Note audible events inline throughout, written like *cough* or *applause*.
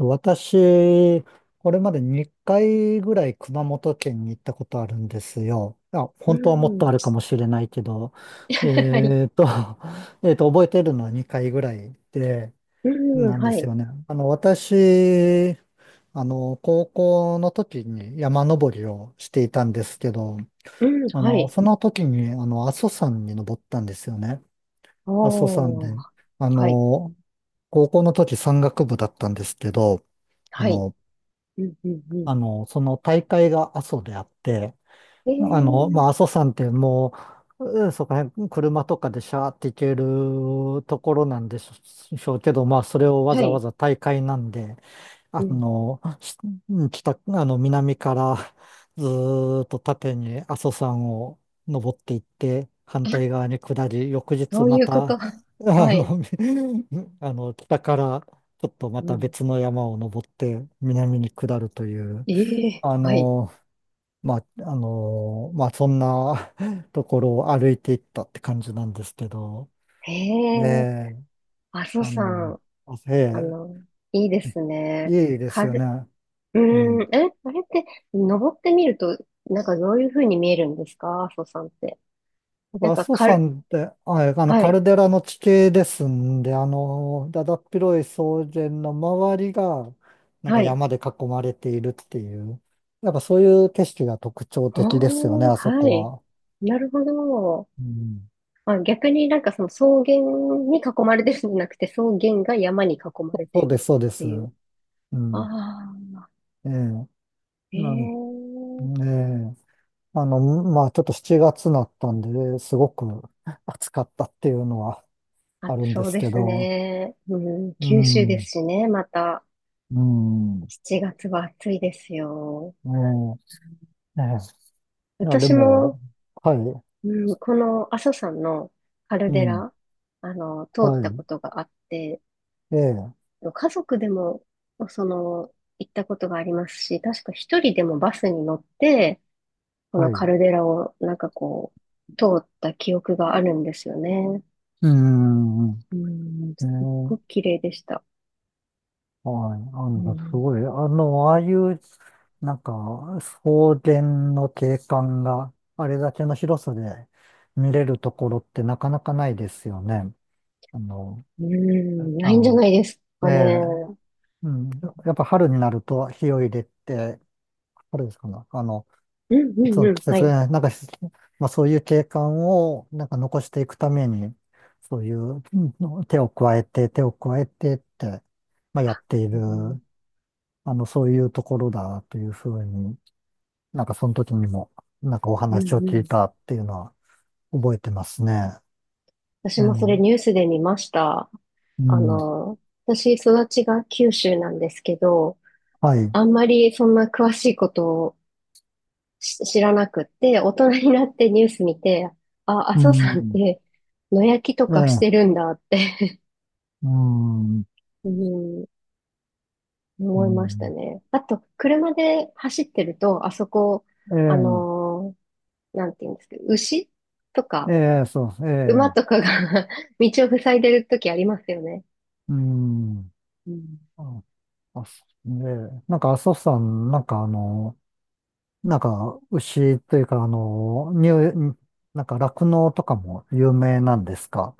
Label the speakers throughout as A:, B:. A: 私、これまで2回ぐらい熊本県に行ったことあるんですよ。あ、
B: う
A: 本当はもっと
B: ん。
A: あるかもしれないけど、
B: はい。
A: えっと、*laughs* 覚えてるのは2回ぐらいで、
B: うん。
A: なんで
B: は
A: す
B: い。
A: よね。私、高校の時に山登りをしていたんですけど、
B: うん。はい。
A: その時に、阿蘇山に登ったんですよね。
B: あ
A: 阿蘇山
B: あ。
A: で。あ
B: はい。
A: の、高校の時山岳部だったんですけど、あ
B: はい。
A: の、
B: うん。うん。うん。
A: その大会が阿蘇であって、
B: ええ、
A: まあ、阿蘇山ってもう、うんそこら辺車とかでシャーって行けるところなんでしょうけど、まあ、それをわ
B: は
A: ざわ
B: い。
A: ざ大会なんで、
B: う
A: あ
B: ん。
A: の、し北、あの、南からずーっと縦に阿蘇山を登っていって、反対側に下り、翌日
B: そう
A: ま
B: いうこ
A: た、
B: と。*laughs* は
A: の、
B: い。
A: *laughs* 北からちょっとま
B: う
A: た
B: ん。
A: 別の山を登って、南に下るという、
B: ええ、
A: あ
B: はい。
A: の、まあ、まあ、そんな *laughs* ところを歩いていったって感じなんですけど、
B: へ
A: え
B: え。
A: え、
B: 阿蘇
A: あの、
B: 山。
A: あ
B: あ
A: え
B: の、いいですね。
A: いいで
B: か
A: すよね。
B: る、う
A: う
B: ん。
A: ん。
B: あれって、登ってみると、なんかどういう風に見えるんですか、阿蘇山って？
A: やっ
B: なん
A: ぱ阿
B: か
A: 蘇
B: かる、
A: 山って、あ、えあの、
B: は
A: カル
B: い。
A: デラの地形ですんで、だだっ広い草原の周りが、なんか
B: はい。
A: 山で囲まれているっていう、やっぱそういう景色が特徴的ですよね、
B: おー、
A: あそ
B: は
A: こ
B: い。
A: は。
B: なるほど。
A: うん。
B: まあ、逆になんかその草原に囲まれてるんじゃなくて、草原が山に囲ま
A: そ
B: れて
A: うそ
B: る
A: う
B: っ
A: です、そうで
B: て
A: す。
B: いう。
A: う
B: あ
A: ん。
B: あ、
A: ええ。なん、
B: ええ、
A: ええ。まあちょっと7月になったんで、すごく暑かったっていうのは
B: あ、
A: あるんで
B: そう
A: す
B: で
A: け
B: す
A: ど、
B: ね。うん、
A: う
B: 九州で
A: ん、う
B: すしね、また。
A: ん、ね
B: 7月は暑いですよ。
A: え、ねえ、いやで
B: 私
A: も、
B: も、
A: はい、
B: うん、この阿蘇山のカル
A: う
B: デ
A: ん、
B: ラ、通
A: は
B: ったこ
A: い、
B: とがあって、
A: ええ、
B: 家族でも、その、行ったことがありますし、確か一人でもバスに乗って、こ
A: は
B: のカ
A: い、
B: ルデラをなんかこう、通った記憶があるんですよね。
A: うん、ね
B: うん、すっ
A: え、
B: ごく綺麗でした。
A: はい、
B: う
A: す
B: ん、
A: ごい、ああいう、なんか、草原の景観があれだけの広さで見れるところってなかなかないですよね。あの、
B: うん、ないんじゃ
A: あ、
B: ないです
A: え
B: かね。
A: えうん、やっぱ春になると火を入れて、春ですかね。
B: うんう
A: いつ
B: ん
A: の
B: うん、
A: 季
B: は
A: 節
B: い。
A: がね、なんか、まあそういう景観をなんか残していくために、そういう手を加えて、手を加えてって、まあやってい
B: う
A: る、
B: ん、
A: そういうところだというふうに、なんかその時にも、なんかお
B: うん
A: 話を
B: う
A: 聞い
B: ん。
A: たっていうのは覚えてますね。
B: 私
A: う
B: もそれ
A: ん、
B: ニュースで見ました。
A: う
B: あ
A: ん、
B: の、私、育ちが九州なんですけど、
A: はい、
B: あんまりそんな詳しいことを知らなくって、大人になってニュース見て、あ、阿
A: う
B: 蘇山っ
A: ん、
B: て野焼きと
A: え
B: かして
A: え、
B: るんだって、
A: うん、う
B: *laughs* うん、思いました
A: ん、
B: ね。あと、車で走ってると、あそこ、あ
A: え
B: のなんて言うんですけど、牛と
A: え、
B: か、
A: ええ、そう、え
B: 馬と
A: え。
B: かが *laughs* 道を塞いでる時ありますよね。
A: うん。
B: うん。
A: あ、あ、そうね。なんか、阿蘇山、なんかなんか、牛というか、乳、なんか、酪農とかも有名なんですか？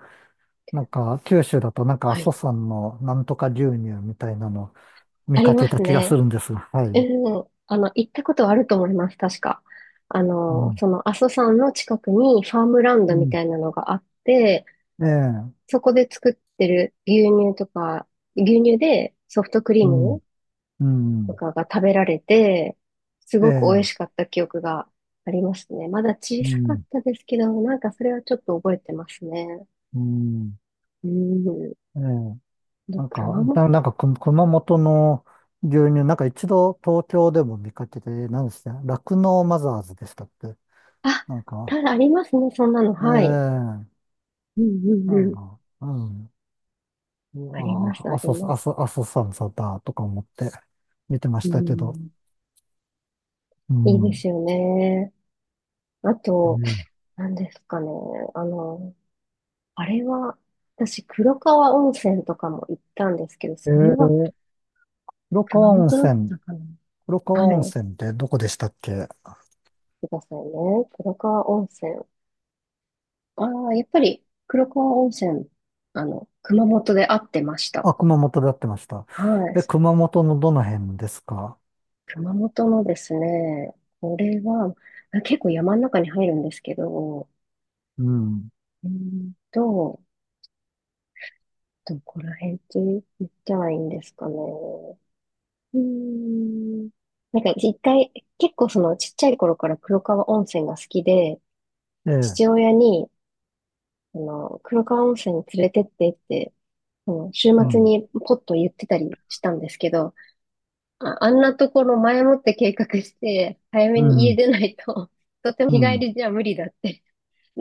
A: なんか、九州だと、なんか、阿
B: は
A: 蘇
B: い。
A: 山のなんとか牛乳みたいなの見
B: あり
A: か
B: ま
A: けた
B: す
A: 気がす
B: ね。
A: るんですが、はい。
B: うん。行ったことはあると思います、確か。あ
A: う
B: の、
A: ん。
B: その阿蘇山の近くにファームラン
A: う
B: ドみ
A: ん。
B: たいなのがあって、
A: ええ。
B: そこで作ってる牛乳とか、牛乳でソフトクリー
A: うん。
B: ム
A: う
B: と
A: ん。
B: かが食べられて、す
A: え
B: ごく美
A: え。
B: 味しかった記憶がありますね。まだ小
A: う
B: さかっ
A: ん。
B: たですけど、なんかそれはちょっと覚えてますね。
A: うん。
B: うん。
A: ええ。
B: で、
A: なん
B: 熊
A: か、
B: 本。
A: なんか、熊本の牛乳、なんか一度東京でも見かけて、何でした酪農マザーズでしたって。
B: あ、
A: なん
B: た
A: か、
B: だありますね、そんなの。はい。
A: ええ
B: うんうん
A: な
B: う
A: ん
B: ん。
A: か、うん。
B: あります、
A: ああ、
B: あります。
A: 阿蘇山さんだとか思って見てま
B: う
A: したけど。
B: ん。
A: う
B: いいで
A: ん。
B: すよね。あと、何ですかね。あの、あれは、私、黒川温泉とかも行ったんですけど、そ
A: ええ
B: れは
A: ー、黒
B: 熊
A: 川温
B: 本だっ
A: 泉、
B: たかな。
A: 黒川温
B: はい。
A: 泉ってどこでしたっけ？
B: くださいね。黒川温泉。ああ、やっぱり黒川温泉、あの、熊本で会ってました。
A: あ、熊本でやってました。
B: はい。
A: え、熊本のどの辺ですか？
B: 熊本のですね、これは、あ、結構山の中に入るんですけど、
A: うん。
B: うーんと、どこら辺って言ったらいいんですかね？うーん。なんか一回、結構そのちっちゃい頃から黒川温泉が好きで、
A: ええ、
B: 父親に、あの、黒川温泉に連れてってって、その週
A: う
B: 末
A: ん。
B: にポッと言ってたりしたんですけど、あ、あんなところ前もって計画して、早め
A: う
B: に家
A: ん。
B: 出ないと、*laughs* とても
A: う
B: 日帰
A: ん。
B: りじゃ無理だって、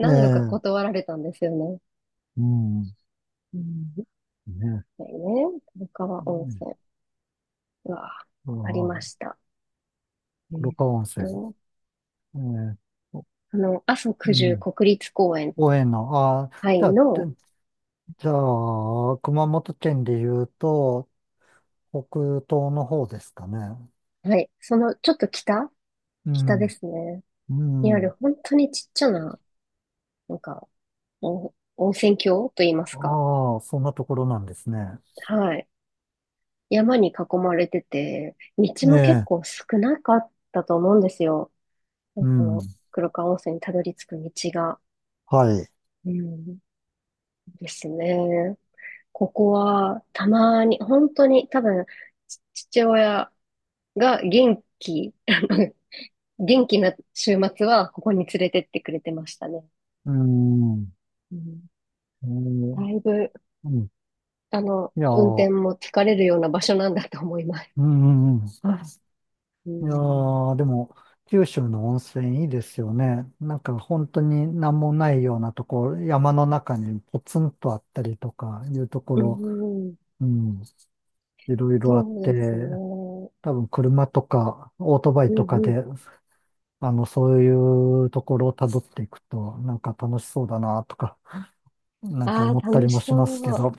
A: ね
B: 度か
A: え、
B: 断られたんですよね。
A: うん、ね
B: うん。
A: え、
B: だよね、古川温
A: う
B: 泉が
A: ん、
B: あり
A: あ
B: ま
A: あ、
B: した。え
A: 黒
B: ーっ
A: 川温泉、
B: と、
A: ええ、お
B: あの、阿蘇
A: う
B: 九十
A: ん、
B: 国立公園、
A: 応援の、ああ、
B: はい、
A: じゃあ、
B: の、
A: 熊本県で言うと、北東の方ですかね。
B: はい、そのちょっと北、
A: う
B: 北で
A: ん、
B: すね。
A: う
B: にあ
A: ん、
B: る本当にちっちゃな、なんか、お温泉郷と言いますか。
A: ああ、そんなところなんですね。
B: はい。山に囲まれてて、道
A: え
B: も結
A: え、
B: 構少なかったと思うんですよ。
A: う
B: そ
A: ん、
B: の黒川温泉にたどり着く道が。
A: はい、
B: うん、ですね。ここはたまに、本当に多分、父親が元気、*laughs* 元気な週末はここに連れてってくれてましたね。
A: うん、う
B: うん、
A: ん、
B: だいぶ、
A: うん
B: あの、
A: いや、う
B: 運転
A: ん、
B: も疲れるような場所なんだと思います。
A: うんうん
B: う
A: いや
B: ん、
A: ー、でも、九州の温泉いいですよね。なんか本当に何もないようなところ、山の中にポツンとあったりとかいうとこ
B: う
A: ろ、
B: ん、
A: うん、いろいろ
B: そ
A: あっ
B: う
A: て、
B: ですね。うん
A: 多分車とかオートバイ
B: う
A: とか
B: ん
A: で、そういうところを辿っていくと、なんか楽しそうだなとか、なんか
B: あ
A: 思っ
B: あ、
A: たり
B: 楽
A: も
B: し
A: しますけ
B: そう。
A: ど、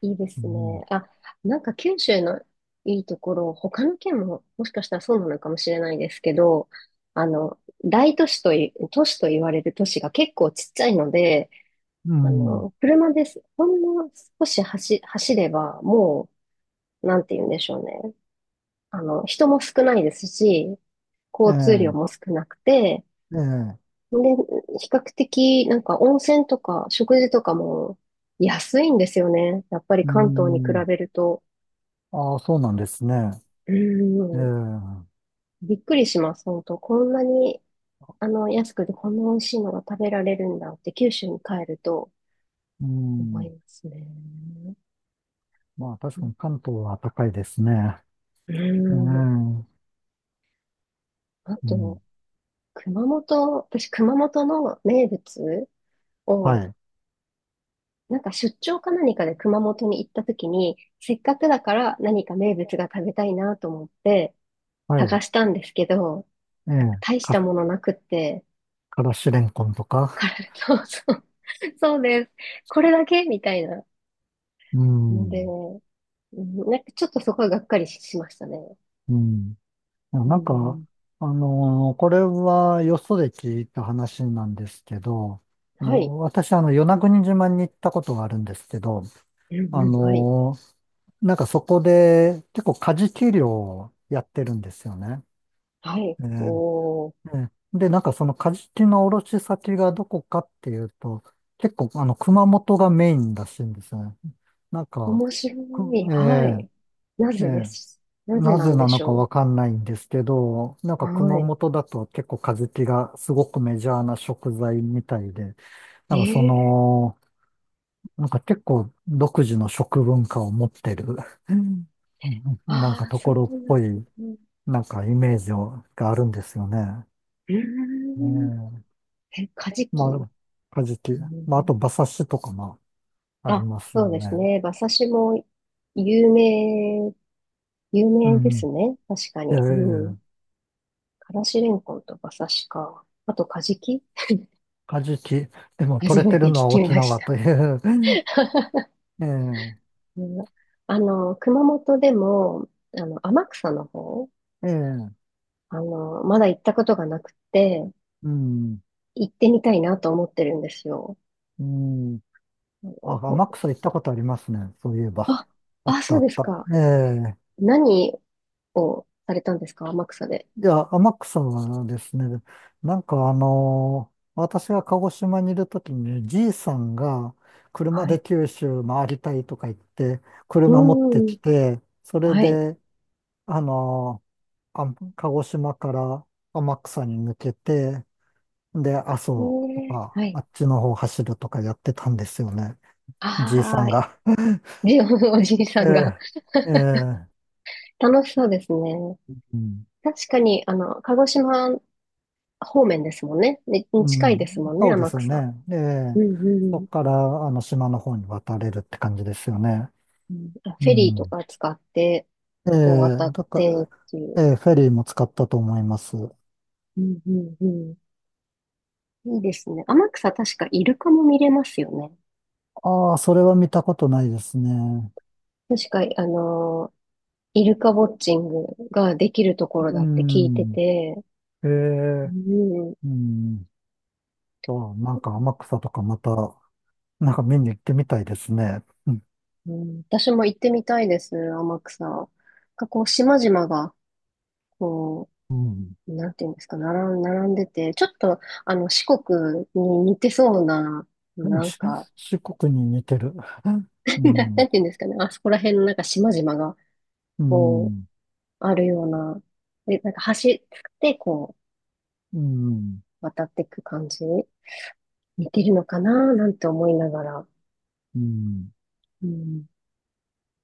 B: いいで
A: う
B: す
A: ん、
B: ね。あ、なんか九州のいいところ、他の県ももしかしたらそうなのかもしれないですけど、あの、大都市とい、都市と言われる都市が結構ちっちゃいので、
A: う
B: あ
A: ん、
B: の、車です。ほんの少し走れば、もう、なんて言うんでしょうね。あの、人も少ないですし、
A: え
B: 交通量
A: え、
B: も少なくて、
A: ええ、
B: で、比較的、なんか温泉とか食事とかも安いんですよね。やっぱり
A: う
B: 関東に比
A: ん、
B: べると。
A: ああ、そうなんですね。
B: う
A: ええ、
B: ん。
A: う
B: びっくりします、本当。こんなに、あの、安くてこんな美味しいのが食べられるんだって九州に帰ると思
A: ん。
B: いますね。
A: まあ確かに関東は高いですね。
B: う
A: う
B: ん。
A: ん。う
B: あ
A: ん。
B: と、熊本、私、熊本の名物
A: は
B: を、
A: い。
B: なんか出張か何かで熊本に行った時に、せっかくだから何か名物が食べたいなと思って、
A: はい。
B: 探したんですけど、
A: ええ。
B: 大したものなくって、
A: からしれんこんと
B: か
A: か。
B: ら *laughs* そうそう、*laughs* そうです。これだけみたいな
A: う
B: ので、
A: ん。
B: うん、なんかちょっとそこはがっかりし、しましたね。
A: うん。いや
B: う
A: なんか、
B: ん、
A: これはよそで聞いた話なんですけど、
B: はい。
A: 私、与那国島に行ったことがあるんですけど、
B: うん
A: あ
B: うん、はい。
A: のーなんかそこで結構カジキ漁をやってるんですよね。
B: はい。
A: え
B: おー、
A: ええで、なんかそのカジキの卸先がどこかっていうと、結構熊本がメインらしいんですよね。なんか、
B: 面白
A: く
B: い。
A: え
B: は
A: え
B: い。な
A: え
B: ぜで
A: え
B: す？なぜ
A: な
B: な
A: ぜ
B: んで
A: なの
B: し
A: か
B: ょ
A: わかんないんですけど、なん
B: う？
A: か熊
B: は
A: 本だと結構カジキがすごくメジャーな食材みたいで、
B: い。
A: なんかそ
B: えー、
A: の、なんか結構独自の食文化を持ってる、うんなん
B: あ
A: か
B: あ、
A: と
B: そ
A: こ
B: うな
A: ろっ
B: ん
A: ぽ
B: だ。
A: い、
B: う
A: なんかイメージをがあるんですよね。
B: ー
A: ね
B: ん。
A: え
B: え、カジキ。
A: ま
B: う
A: あ、カジキ。まあ、あ
B: ん、
A: と馬刺しとかもあり
B: あ、
A: ます
B: そ
A: よ
B: うです
A: ね。
B: ね。馬刺しも有名、有名です
A: う
B: ね。確か
A: ん。え
B: に。うん。
A: え
B: からしれんこんと馬刺しか。あと、カジキ、
A: カジキ。でも
B: 初
A: 取れ
B: め
A: て
B: て
A: る
B: 聞
A: のは
B: き
A: 沖
B: まし
A: 縄
B: た。
A: という。*laughs*
B: *laughs*
A: え
B: うん、あの、熊本でも、あの、天草の方、
A: えええ
B: あの、まだ行ったことがなくて、
A: うん。
B: 行ってみたいなと思ってるんですよ。
A: うん。
B: あ
A: あ、
B: のこ
A: 天
B: う、
A: 草行ったことありますね。そういえば。
B: あ、
A: あっ
B: あ、
A: た
B: そ
A: あ
B: う
A: っ
B: です
A: た。
B: か。
A: ええ
B: 何をされたんですか、天草で？
A: いや、天草はですね、なんか私が鹿児島にいるときに、じいさんが車
B: は
A: で
B: い。
A: 九州回りたいとか言って、車持って
B: うん。
A: きて、それ
B: はい。
A: で、あの、あ、鹿児島から天草に抜けて、で、阿蘇と
B: ねえ、
A: か、
B: はい。
A: あっちの方走るとかやってたんですよね。じいさ
B: ああ、
A: んが。*laughs*
B: じ、*laughs* おじいさ
A: え
B: んが
A: え、ええ、
B: *laughs* 楽しそうですね。
A: うん、
B: 確かに、あの、鹿児島方面ですもんね。に
A: う
B: 近いで
A: ん、
B: すもんね、
A: そうで
B: 天
A: すよ
B: 草。
A: ね。え
B: う
A: え、
B: んう
A: そこ
B: ん
A: から、島の方に渡れるって感じですよね。
B: うん。あ、
A: う
B: フェリー
A: ん。
B: とか使って、
A: え
B: こう渡
A: え、
B: っ
A: だか
B: て
A: ら、
B: っていう。
A: ええ、フェリーも使ったと思います。
B: うんうんうん。いいですね。天草、確かイルカも見れますよね。
A: ああ、それは見たことないですね。
B: 確か、あの、イルカウォッチングができるところ
A: う
B: だって聞いて
A: ん。
B: て、
A: え
B: う
A: え、
B: ん
A: うん。そう、なんか天草とかまた、なんか見に行ってみたいですね。うん。
B: うん、私も行ってみたいです、天草。なんかこう、島々が、こう、なんていうんですか、並んでて、ちょっと、あの、四国に似てそうな、
A: うん。
B: なんか、
A: 四国に似てる。う
B: *laughs* な
A: ん。
B: んていうんですかね、あそこら辺のなんか島々が、
A: う
B: こ
A: ん。
B: う、あるような、で、なんか橋で、こ
A: うん。うん。
B: う、渡っていく感じ、似てるのかな、なんて思いながら、
A: うん。
B: うん、